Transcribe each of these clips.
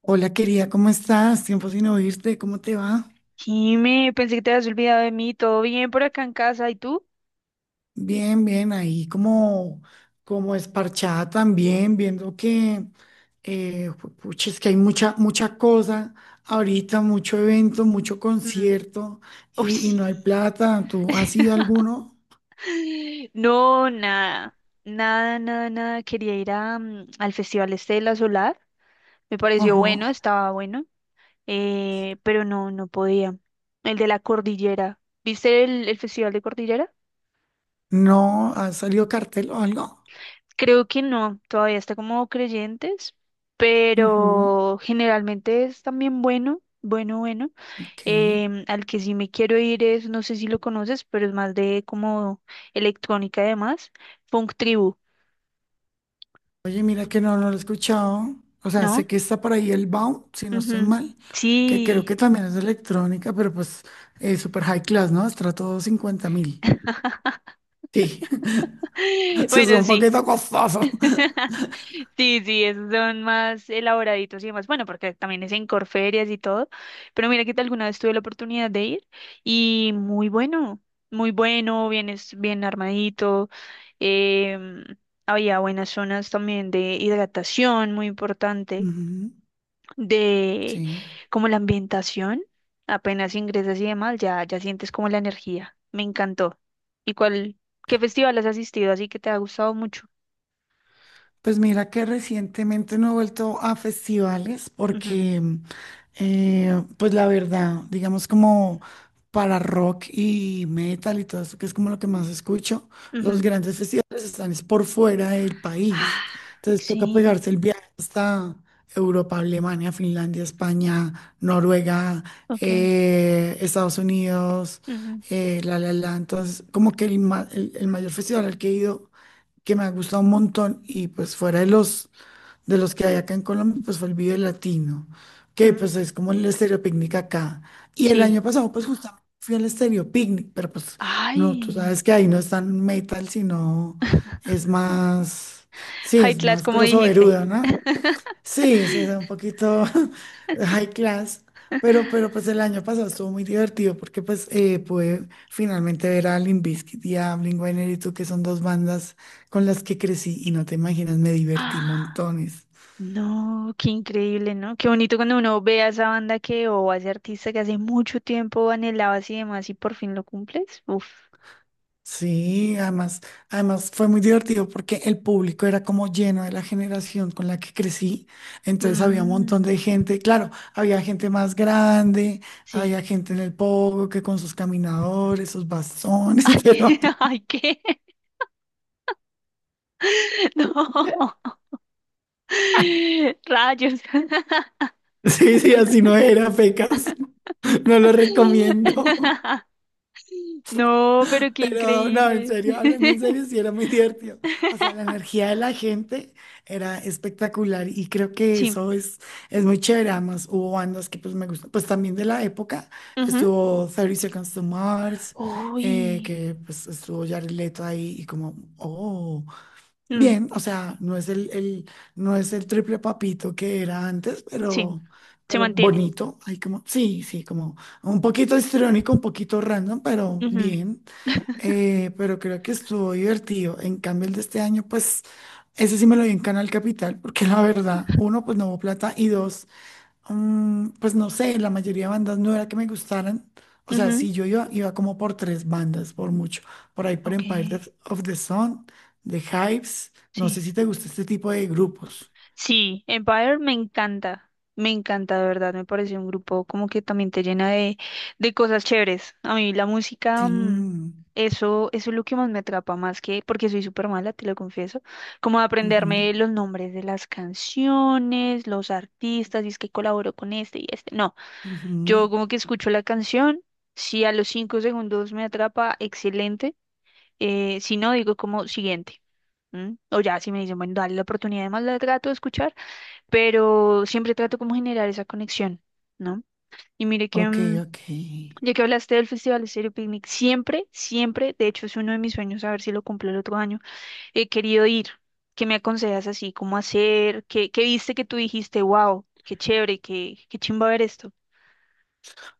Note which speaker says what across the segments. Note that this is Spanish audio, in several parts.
Speaker 1: Hola querida, ¿cómo estás? Tiempo sin oírte, ¿cómo te va?
Speaker 2: Jime, pensé que te habías olvidado de mí. ¿Todo bien por acá en casa? ¿Y tú?
Speaker 1: Bien, bien, ahí como esparchada también, viendo que, pucha, es que hay mucha cosa ahorita, mucho evento, mucho
Speaker 2: Mm.
Speaker 1: concierto
Speaker 2: Uy,
Speaker 1: y
Speaker 2: sí.
Speaker 1: no hay plata. ¿Tú has ido a alguno?
Speaker 2: No, nada. Nada, nada, nada. Quería ir al Festival este de la Solar. Me pareció
Speaker 1: Ajá.
Speaker 2: bueno, estaba bueno. Pero no, no podía. El de la Cordillera. ¿Viste el Festival de Cordillera?
Speaker 1: ¿No? ¿Ha salido cartel o algo?
Speaker 2: Creo que no, todavía está como creyentes,
Speaker 1: Ujú.
Speaker 2: pero generalmente es también bueno, bueno, bueno.
Speaker 1: Ok.
Speaker 2: Al que sí me quiero ir es, no sé si lo conoces, pero es más de como electrónica además, Funk Tribu,
Speaker 1: Oye, mira que no, no lo he escuchado. O sea,
Speaker 2: ¿no?
Speaker 1: sé que está por ahí el Baum, si no estoy
Speaker 2: Ujú.
Speaker 1: mal, que creo
Speaker 2: Sí.
Speaker 1: que también es de electrónica, pero pues super high class, ¿no? Estrato 50.000. Sí, se es
Speaker 2: Bueno,
Speaker 1: un
Speaker 2: sí.
Speaker 1: poquito costoso.
Speaker 2: Sí, sí, esos son más elaboraditos y demás. Bueno, porque también es en Corferias y todo. Pero mira que alguna vez tuve la oportunidad de ir y muy bueno, muy bueno, bien, bien armadito. em, Había buenas zonas también de hidratación, muy importante,
Speaker 1: Ujú.
Speaker 2: de
Speaker 1: Sí.
Speaker 2: como la ambientación. Apenas ingresas y demás, ya, ya sientes como la energía. Me encantó. ¿Y qué festival has asistido así que te ha gustado mucho?
Speaker 1: Pues mira que recientemente no he vuelto a festivales
Speaker 2: Ujú,
Speaker 1: porque, pues la verdad, digamos como para rock y metal y todo eso, que es como lo que más escucho, los
Speaker 2: ujú.
Speaker 1: grandes festivales están es por fuera del
Speaker 2: Ah,
Speaker 1: país. Entonces toca
Speaker 2: sí,
Speaker 1: pegarse el viaje hasta Europa, Alemania, Finlandia, España, Noruega,
Speaker 2: ok.
Speaker 1: Estados Unidos,
Speaker 2: Ujú,
Speaker 1: la, la, la. Entonces como que el, ma- el mayor festival al que he ido que me ha gustado un montón y pues fuera de los, que hay acá en Colombia, pues fue el Vive Latino, que
Speaker 2: mm,
Speaker 1: pues es como el Estéreo Picnic acá. Y el
Speaker 2: sí.
Speaker 1: año pasado pues justamente fui al Estéreo Picnic, pero pues no, tú
Speaker 2: Ay,
Speaker 1: sabes que ahí no es tan metal, sino es más, sí,
Speaker 2: high
Speaker 1: es
Speaker 2: class,
Speaker 1: más
Speaker 2: como dijiste.
Speaker 1: grosoveruda, ¿no? Sí, sí, es un poquito high class, pero, pues el año pasado estuvo muy divertido porque pues pude finalmente ver a Limp Bizkit y a Blink-182, que son dos bandas con las que crecí, y no te imaginas, me divertí
Speaker 2: Ah,
Speaker 1: montones.
Speaker 2: no, qué increíble, ¿no? Qué bonito cuando uno ve a esa banda que o a ese artista que hace mucho tiempo anhelabas y demás y por fin lo cumples. Uf.
Speaker 1: Sí, además fue muy divertido porque el público era como lleno de la generación con la que crecí, entonces había un montón
Speaker 2: Mm,
Speaker 1: de gente, claro, había gente más grande,
Speaker 2: sí.
Speaker 1: había gente en el pogo que con sus caminadores, sus bastones,
Speaker 2: Ay,
Speaker 1: pero...
Speaker 2: ay, ¿qué? No. Rayos.
Speaker 1: Sí, sí, así no era, pecas. No lo recomiendo.
Speaker 2: No, pero qué
Speaker 1: Pero no, en
Speaker 2: increíble.
Speaker 1: serio, hablando en serio, sí era muy divertido. O sea, la energía de la gente era espectacular y creo que
Speaker 2: Sí.
Speaker 1: eso es muy chévere. Además, hubo bandas que pues me gustan, pues también de la época.
Speaker 2: Ujú.
Speaker 1: Estuvo Thirty Seconds to Mars,
Speaker 2: Uy.
Speaker 1: que pues estuvo Jared Leto ahí y como, oh.
Speaker 2: Mm,
Speaker 1: Bien, o sea, no es no es el triple papito que era antes,
Speaker 2: sí,
Speaker 1: pero,
Speaker 2: se
Speaker 1: pero
Speaker 2: mantiene.
Speaker 1: bonito. Hay como, sí, sí, como un poquito histriónico, un poquito random, pero
Speaker 2: Ujú,
Speaker 1: bien. Pero creo que estuvo divertido. En cambio, el de este año, pues, ese sí me lo vi en Canal Capital, porque la verdad, uno, pues no hubo plata, y dos, pues no sé, la mayoría de bandas no era que me gustaran. O sea,
Speaker 2: ujú.
Speaker 1: si yo iba como por tres bandas, por mucho. Por ahí por
Speaker 2: Ok,
Speaker 1: Empire Death of the Sun, The Hives. No sé
Speaker 2: sí.
Speaker 1: si te gusta este tipo de grupos.
Speaker 2: Sí, Empire me encanta. Me encanta, de verdad. Me parece un grupo como que también te llena de cosas chéveres. A mí la música,
Speaker 1: Sí. Mm.
Speaker 2: eso es lo que más me atrapa, más que porque soy súper mala, te lo confieso. Como
Speaker 1: Ujú,
Speaker 2: aprenderme los nombres de las canciones, los artistas, y es que colaboro con este y este. No.
Speaker 1: ujú.
Speaker 2: Yo como que escucho la canción, si a los 5 segundos me atrapa, excelente. Si no, digo como siguiente. ¿M? O ya, si me dicen, bueno, dale la oportunidad, además la trato de escuchar, pero siempre trato como generar esa conexión, ¿no? Y mire que,
Speaker 1: Ok, ok.
Speaker 2: ya que hablaste del Festival Estéreo Picnic, siempre, siempre, de hecho es uno de mis sueños, a ver si lo cumplo el otro año, he querido ir. ¿Qué me aconsejas así? ¿Cómo hacer? Qué viste que tú dijiste, wow, qué chévere, qué chimba ver esto?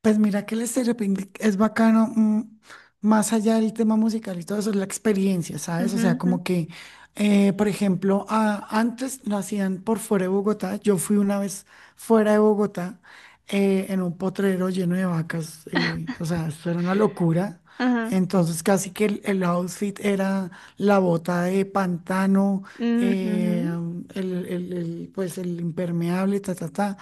Speaker 1: Pues mira que el Estéreo Picnic es bacano, más allá del tema musical y todo eso, es la experiencia, ¿sabes? O sea, como que, por ejemplo, antes lo hacían por fuera de Bogotá. Yo fui una vez fuera de Bogotá, en un potrero lleno de vacas. O sea, esto era una locura.
Speaker 2: Ajá.
Speaker 1: Entonces, casi que el outfit era la bota de pantano, eh,
Speaker 2: Ujú,
Speaker 1: pues el impermeable, ta, ta, ta.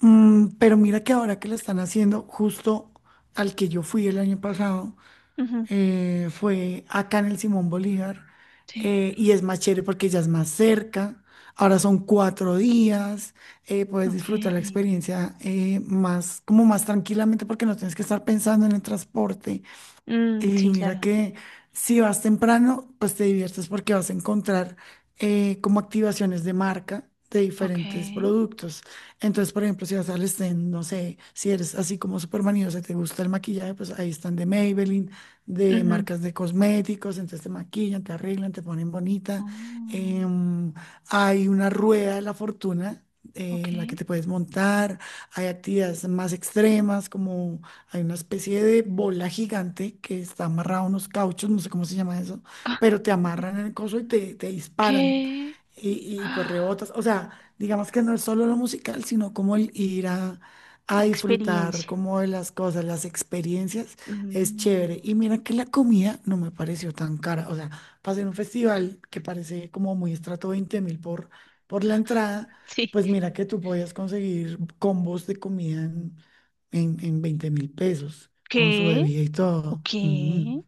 Speaker 1: Pero mira que ahora que lo están haciendo, justo al que yo fui el año pasado,
Speaker 2: ujú.
Speaker 1: fue acá en el Simón Bolívar,
Speaker 2: Sí,
Speaker 1: y es más chévere porque ya es más cerca, ahora son 4 días, puedes
Speaker 2: ok,
Speaker 1: disfrutar la experiencia, como más tranquilamente porque no tienes que estar pensando en el transporte,
Speaker 2: mm,
Speaker 1: y
Speaker 2: sí,
Speaker 1: mira
Speaker 2: claro.
Speaker 1: que si vas temprano, pues te diviertes porque vas a encontrar, como activaciones de marca de diferentes
Speaker 2: Ok.
Speaker 1: productos. Entonces, por ejemplo, si vas al stand, no sé, si eres así como súper maniosa, te gusta el maquillaje, pues ahí están de Maybelline, de
Speaker 2: Ujú.
Speaker 1: marcas de cosméticos, entonces te maquillan, te arreglan, te ponen bonita.
Speaker 2: Mm,
Speaker 1: Em, Hay una rueda de la fortuna,
Speaker 2: ok.
Speaker 1: en la que te puedes montar, hay actividades más extremas, como hay una especie de bola gigante que está amarrada a unos cauchos, no sé cómo se llama eso, pero te amarran en el coso y te disparan
Speaker 2: ¿Qué?
Speaker 1: y pues
Speaker 2: Ah,
Speaker 1: rebotas. O sea, digamos que no es solo lo musical, sino como el ir a
Speaker 2: la
Speaker 1: disfrutar
Speaker 2: experiencia.
Speaker 1: como de las cosas, las experiencias, es
Speaker 2: Mm,
Speaker 1: chévere. Y mira que la comida no me pareció tan cara. O sea, pasé en un festival que parece como muy estrato 20.000 por, la entrada,
Speaker 2: sí.
Speaker 1: pues mira que tú podías conseguir combos de comida en 20.000 pesos, con su
Speaker 2: ¿Qué?
Speaker 1: bebida y todo. Mm,
Speaker 2: Ok.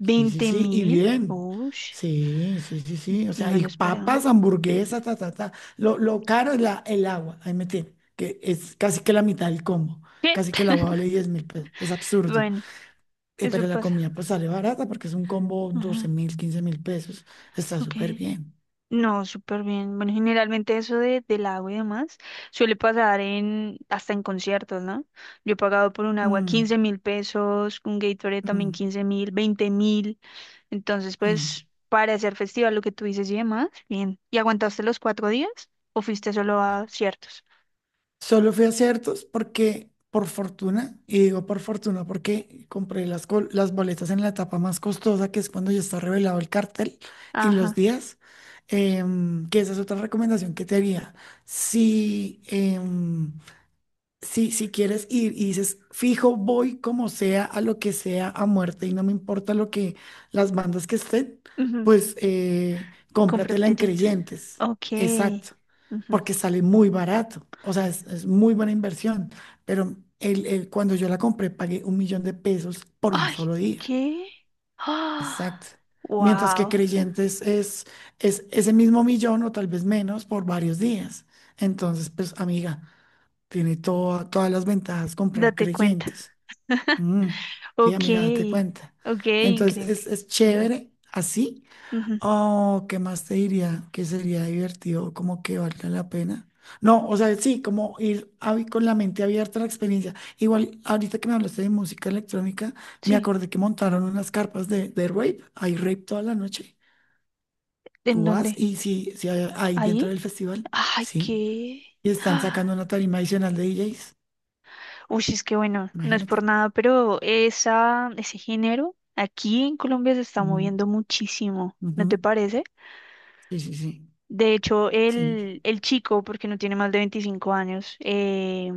Speaker 1: sí, sí, sí, y
Speaker 2: mil?
Speaker 1: bien.
Speaker 2: Uy,
Speaker 1: Sí, sí, sí, sí. O sea,
Speaker 2: no
Speaker 1: y
Speaker 2: lo esperaba.
Speaker 1: papas, hamburguesas, ta, ta, ta. Lo caro es el agua, ahí me tiene, que es casi que la mitad del combo.
Speaker 2: ¿Qué?
Speaker 1: Casi que el agua vale 10.000 pesos. Es absurdo.
Speaker 2: Bueno, eso
Speaker 1: Pero la
Speaker 2: pasa.
Speaker 1: comida pues sale barata porque es un combo doce
Speaker 2: Ujú,
Speaker 1: mil, quince mil pesos. Está
Speaker 2: ok.
Speaker 1: súper bien.
Speaker 2: No, súper bien. Bueno, generalmente eso del agua y demás suele pasar hasta en conciertos, ¿no? Yo he pagado por un agua quince
Speaker 1: Mm,
Speaker 2: mil pesos, un Gatorade también
Speaker 1: mm,
Speaker 2: 15.000, 20.000. Entonces,
Speaker 1: mm.
Speaker 2: pues, para hacer festival, lo que tú dices y demás, bien. ¿Y aguantaste los 4 días o fuiste solo a ciertos?
Speaker 1: Solo fui a ciertos porque, por fortuna, y digo por fortuna porque compré las, las boletas en la etapa más costosa, que es cuando ya está revelado el cartel y los
Speaker 2: Ajá.
Speaker 1: días, que esa es otra recomendación que te haría. Si, em, si quieres ir y dices, fijo, voy como sea, a lo que sea, a muerte, y no me importa lo que las bandas que estén,
Speaker 2: Ujú,
Speaker 1: pues
Speaker 2: compro
Speaker 1: cómpratela en
Speaker 2: creyentes.
Speaker 1: Creyentes.
Speaker 2: Ok.
Speaker 1: Exacto.
Speaker 2: Ujú.
Speaker 1: Porque sale muy barato. O sea, es muy buena inversión. Pero cuando yo la compré, pagué 1 millón de pesos por un
Speaker 2: Ay,
Speaker 1: solo día.
Speaker 2: ¿qué? Ah,
Speaker 1: Exacto. Mientras que
Speaker 2: wow.
Speaker 1: Creyentes es ese mismo millón o tal vez menos por varios días. Entonces, pues, amiga. Tiene todas las ventajas comprar
Speaker 2: Date cuenta.
Speaker 1: creyentes. Mm, sí,
Speaker 2: Ok,
Speaker 1: amiga, date cuenta.
Speaker 2: ok,
Speaker 1: Entonces,
Speaker 2: increíble.
Speaker 1: es
Speaker 2: Ujú,
Speaker 1: chévere así.
Speaker 2: ujú.
Speaker 1: Oh, ¿qué más te diría? Que sería divertido, como que valga la pena. No, o sea, sí, como ir con la mente abierta a la experiencia. Igual, ahorita que me hablaste de música electrónica, me
Speaker 2: Sí,
Speaker 1: acordé que montaron unas carpas de, rave. Hay rave toda la noche.
Speaker 2: ¿en
Speaker 1: Tú
Speaker 2: dónde?
Speaker 1: vas y sí, sí hay dentro
Speaker 2: ¿Ahí?
Speaker 1: del festival,
Speaker 2: Ay,
Speaker 1: sí.
Speaker 2: qué.
Speaker 1: Y están
Speaker 2: Ah,
Speaker 1: sacando una tarima adicional de DJs.
Speaker 2: uy, es que bueno, no es por
Speaker 1: Imagínate.
Speaker 2: nada, pero ese género aquí en Colombia se está
Speaker 1: Ujú,
Speaker 2: moviendo muchísimo, ¿no te
Speaker 1: ujú.
Speaker 2: parece?
Speaker 1: Sí, sí, sí,
Speaker 2: De hecho,
Speaker 1: sí,
Speaker 2: el chico, porque no tiene más de 25 años,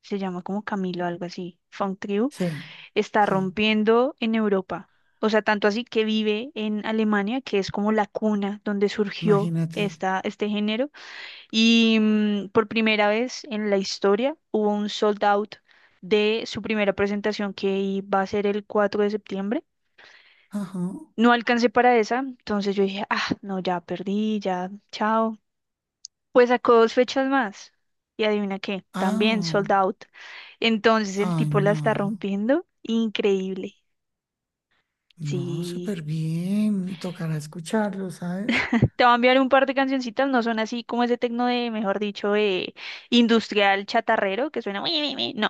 Speaker 2: se llama como Camilo, algo así, Funk,
Speaker 1: sí,
Speaker 2: está
Speaker 1: sí.
Speaker 2: rompiendo en Europa. O sea, tanto así que vive en Alemania, que es como la cuna donde surgió
Speaker 1: Imagínate.
Speaker 2: este género. Y por primera vez en la historia hubo un sold out de su primera presentación que iba a ser el 4 de septiembre.
Speaker 1: Ajá.
Speaker 2: No alcancé para esa, entonces yo dije, ah, no, ya perdí, ya, chao. Pues sacó dos fechas más. Y adivina qué, también sold
Speaker 1: Ah,
Speaker 2: out. Entonces el
Speaker 1: ay,
Speaker 2: tipo la
Speaker 1: no.
Speaker 2: está rompiendo. Increíble.
Speaker 1: No,
Speaker 2: Sí.
Speaker 1: súper bien. Tocará escucharlo, ¿sabes?
Speaker 2: Te va a enviar un par de cancioncitas, no son así como ese tecno mejor dicho, industrial chatarrero, que suena "ui, ui, ui". No,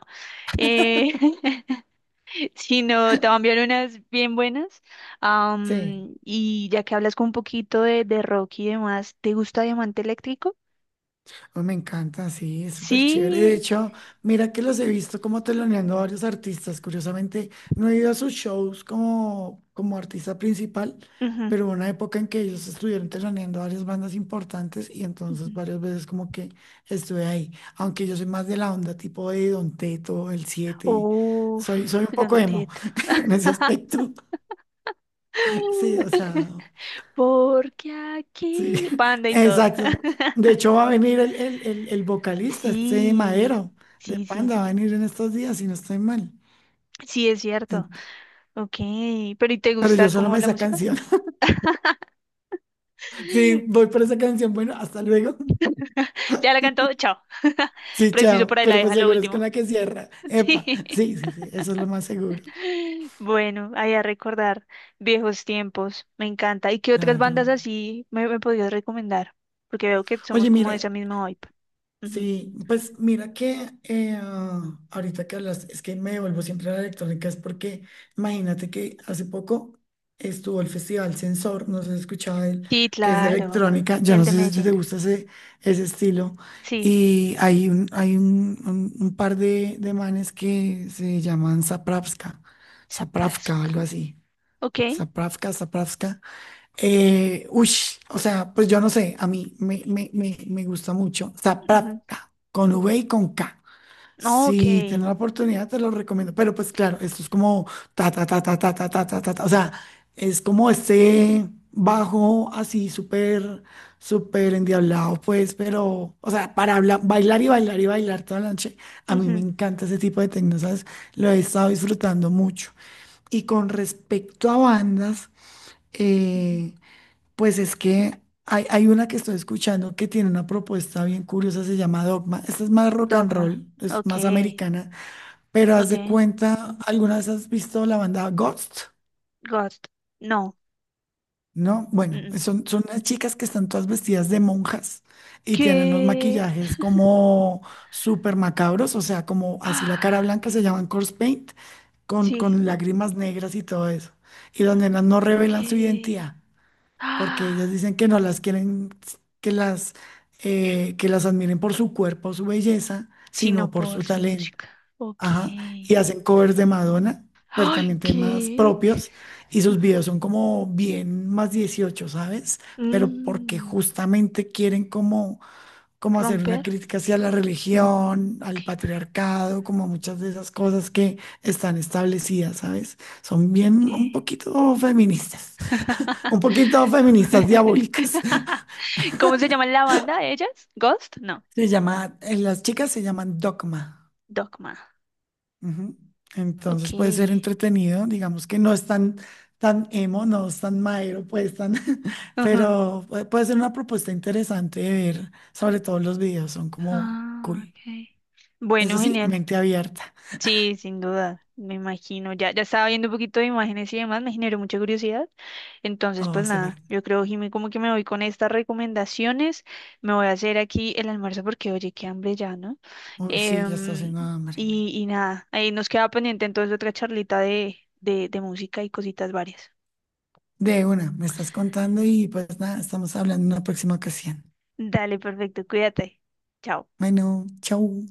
Speaker 2: eh, sino te va a enviar unas bien buenas.
Speaker 1: Sí.
Speaker 2: Y ya que hablas con un poquito de rock y demás, ¿te gusta Diamante Eléctrico?
Speaker 1: Oh, me encanta, sí, es súper chévere. De
Speaker 2: Sí.
Speaker 1: hecho, mira que los he visto como teloneando a varios artistas. Curiosamente, no he ido a sus shows como artista principal,
Speaker 2: Ujú,
Speaker 1: pero hubo una época en que ellos estuvieron teloneando a varias bandas importantes y entonces
Speaker 2: ujú.
Speaker 1: varias veces como que estuve ahí. Aunque yo soy más de la onda tipo de Don Teto, El siete, soy
Speaker 2: Uf,
Speaker 1: un poco
Speaker 2: Don
Speaker 1: emo
Speaker 2: Teto.
Speaker 1: en ese aspecto. Sí, o sea.
Speaker 2: Porque
Speaker 1: Sí,
Speaker 2: aquí, Panda y todo.
Speaker 1: exacto. De hecho, va a venir el vocalista, este
Speaker 2: Sí,
Speaker 1: Madero, de
Speaker 2: sí, sí,
Speaker 1: Panda, va a
Speaker 2: sí.
Speaker 1: venir en estos días, si no estoy mal.
Speaker 2: Sí, es cierto.
Speaker 1: En-
Speaker 2: Ok, pero ¿y te
Speaker 1: Pero
Speaker 2: gusta
Speaker 1: yo solo
Speaker 2: como
Speaker 1: me
Speaker 2: la
Speaker 1: esa
Speaker 2: música?
Speaker 1: canción. Sí, voy por esa canción. Bueno, hasta luego.
Speaker 2: Ya la cantó, chao.
Speaker 1: Sí,
Speaker 2: Preciso por
Speaker 1: chao.
Speaker 2: ahí la
Speaker 1: Pero pues
Speaker 2: deja lo
Speaker 1: seguro es con
Speaker 2: último.
Speaker 1: la que cierra. Epa,
Speaker 2: Sí.
Speaker 1: sí, sí, sí, eso es lo más seguro.
Speaker 2: Bueno, ahí a recordar viejos tiempos. Me encanta. ¿Y qué otras bandas
Speaker 1: Claro.
Speaker 2: así me podrías recomendar? Porque veo que somos
Speaker 1: Oye,
Speaker 2: como
Speaker 1: mira,
Speaker 2: de esa misma vibe. Ujú.
Speaker 1: sí, pues mira que ahorita que hablas, es que me devuelvo siempre a la electrónica, es porque imagínate que hace poco estuvo el Festival Sensor, no sé si has escuchado de él,
Speaker 2: Sí,
Speaker 1: que es de
Speaker 2: claro.
Speaker 1: electrónica, yo
Speaker 2: El
Speaker 1: no
Speaker 2: de
Speaker 1: sé si
Speaker 2: Medellín.
Speaker 1: te gusta ese, estilo,
Speaker 2: Sí,
Speaker 1: y un par de manes que se llaman Zapravska, Zapravka,
Speaker 2: Zaprasca.
Speaker 1: algo así,
Speaker 2: Ok.
Speaker 1: Zapravka, Zapravska, uy, o sea, pues yo no sé, a mí me gusta mucho.
Speaker 2: Ujú.
Speaker 1: Zapravka, con V y con K.
Speaker 2: Oh, ok.
Speaker 1: Si tienes la oportunidad, te lo recomiendo. Pero pues claro, esto es como ta, ta, ta, ta, ta, ta, ta, ta, ta. Ta. O sea, es como este bajo así súper, súper endiablado, pues, pero, o sea, para bailar y bailar y bailar toda la noche. A mí me
Speaker 2: Ujú,
Speaker 1: encanta ese tipo de tecno, ¿sabes? Lo he estado disfrutando mucho. Y con respecto a bandas,
Speaker 2: ujú.
Speaker 1: eh, pues es que hay una que estoy escuchando que tiene una propuesta bien curiosa, se llama Dogma. Esta es más rock and
Speaker 2: Dogma.
Speaker 1: roll, es
Speaker 2: Ok.
Speaker 1: más americana, pero haz de
Speaker 2: Ok.
Speaker 1: cuenta, ¿alguna vez has visto la banda Ghost?
Speaker 2: Ghost. No.
Speaker 1: ¿No?
Speaker 2: Mm,
Speaker 1: Bueno,
Speaker 2: mm.
Speaker 1: son unas chicas que están todas vestidas de monjas y tienen unos
Speaker 2: ¿Qué?
Speaker 1: maquillajes como súper macabros, o sea, como así la cara
Speaker 2: Ah,
Speaker 1: blanca se llaman corpse paint, con,
Speaker 2: sí,
Speaker 1: con lágrimas negras y todo eso. Y las nenas no revelan su
Speaker 2: ok.
Speaker 1: identidad, porque ellas
Speaker 2: Ah,
Speaker 1: dicen que no las quieren, que las, que las admiren por su cuerpo, su belleza,
Speaker 2: sino
Speaker 1: sino por
Speaker 2: por
Speaker 1: su
Speaker 2: su
Speaker 1: talento.
Speaker 2: música. Ok.
Speaker 1: Ajá. Y hacen covers de Madonna, pero
Speaker 2: Ay,
Speaker 1: también temas
Speaker 2: ¿qué?
Speaker 1: propios, y sus
Speaker 2: Ajá.
Speaker 1: videos son como bien más 18, ¿sabes? Pero porque
Speaker 2: Mm,
Speaker 1: justamente quieren como hacer una
Speaker 2: romper.
Speaker 1: crítica hacia la
Speaker 2: Mm,
Speaker 1: religión,
Speaker 2: ok,
Speaker 1: al patriarcado, como muchas de esas cosas que están establecidas, ¿sabes? Son
Speaker 2: ok.
Speaker 1: bien un poquito feministas. Un poquito feministas diabólicas.
Speaker 2: ¿Cómo se llama la banda de ellas? ¿Ghost? No,
Speaker 1: Las chicas se llaman Dogma.
Speaker 2: Dogma.
Speaker 1: Ujú.
Speaker 2: Ok.
Speaker 1: Entonces puede ser entretenido, digamos que no es tan emo, no es tan maero, pues tan,
Speaker 2: Ajá.
Speaker 1: pero puede ser una propuesta interesante de ver, sobre todo los videos, son como
Speaker 2: Ah,
Speaker 1: cool.
Speaker 2: ok.
Speaker 1: Eso
Speaker 2: Bueno,
Speaker 1: sí,
Speaker 2: genial.
Speaker 1: mente abierta.
Speaker 2: Sí, sin duda, me imagino. Ya, ya estaba viendo un poquito de imágenes y demás, me generó mucha curiosidad. Entonces, pues
Speaker 1: Oh,
Speaker 2: nada,
Speaker 1: súper.
Speaker 2: yo creo, Jimmy, como que me voy con estas recomendaciones. Me voy a hacer aquí el almuerzo porque, oye, qué hambre ya, ¿no?
Speaker 1: Uy, sí, ya está
Speaker 2: Em,
Speaker 1: haciendo hambre.
Speaker 2: y nada, ahí nos queda pendiente entonces otra charlita de música y cositas varias.
Speaker 1: De una, me estás contando y pues nada, estamos hablando en una próxima ocasión.
Speaker 2: Dale, perfecto, cuídate. Chao.
Speaker 1: Bueno, chau.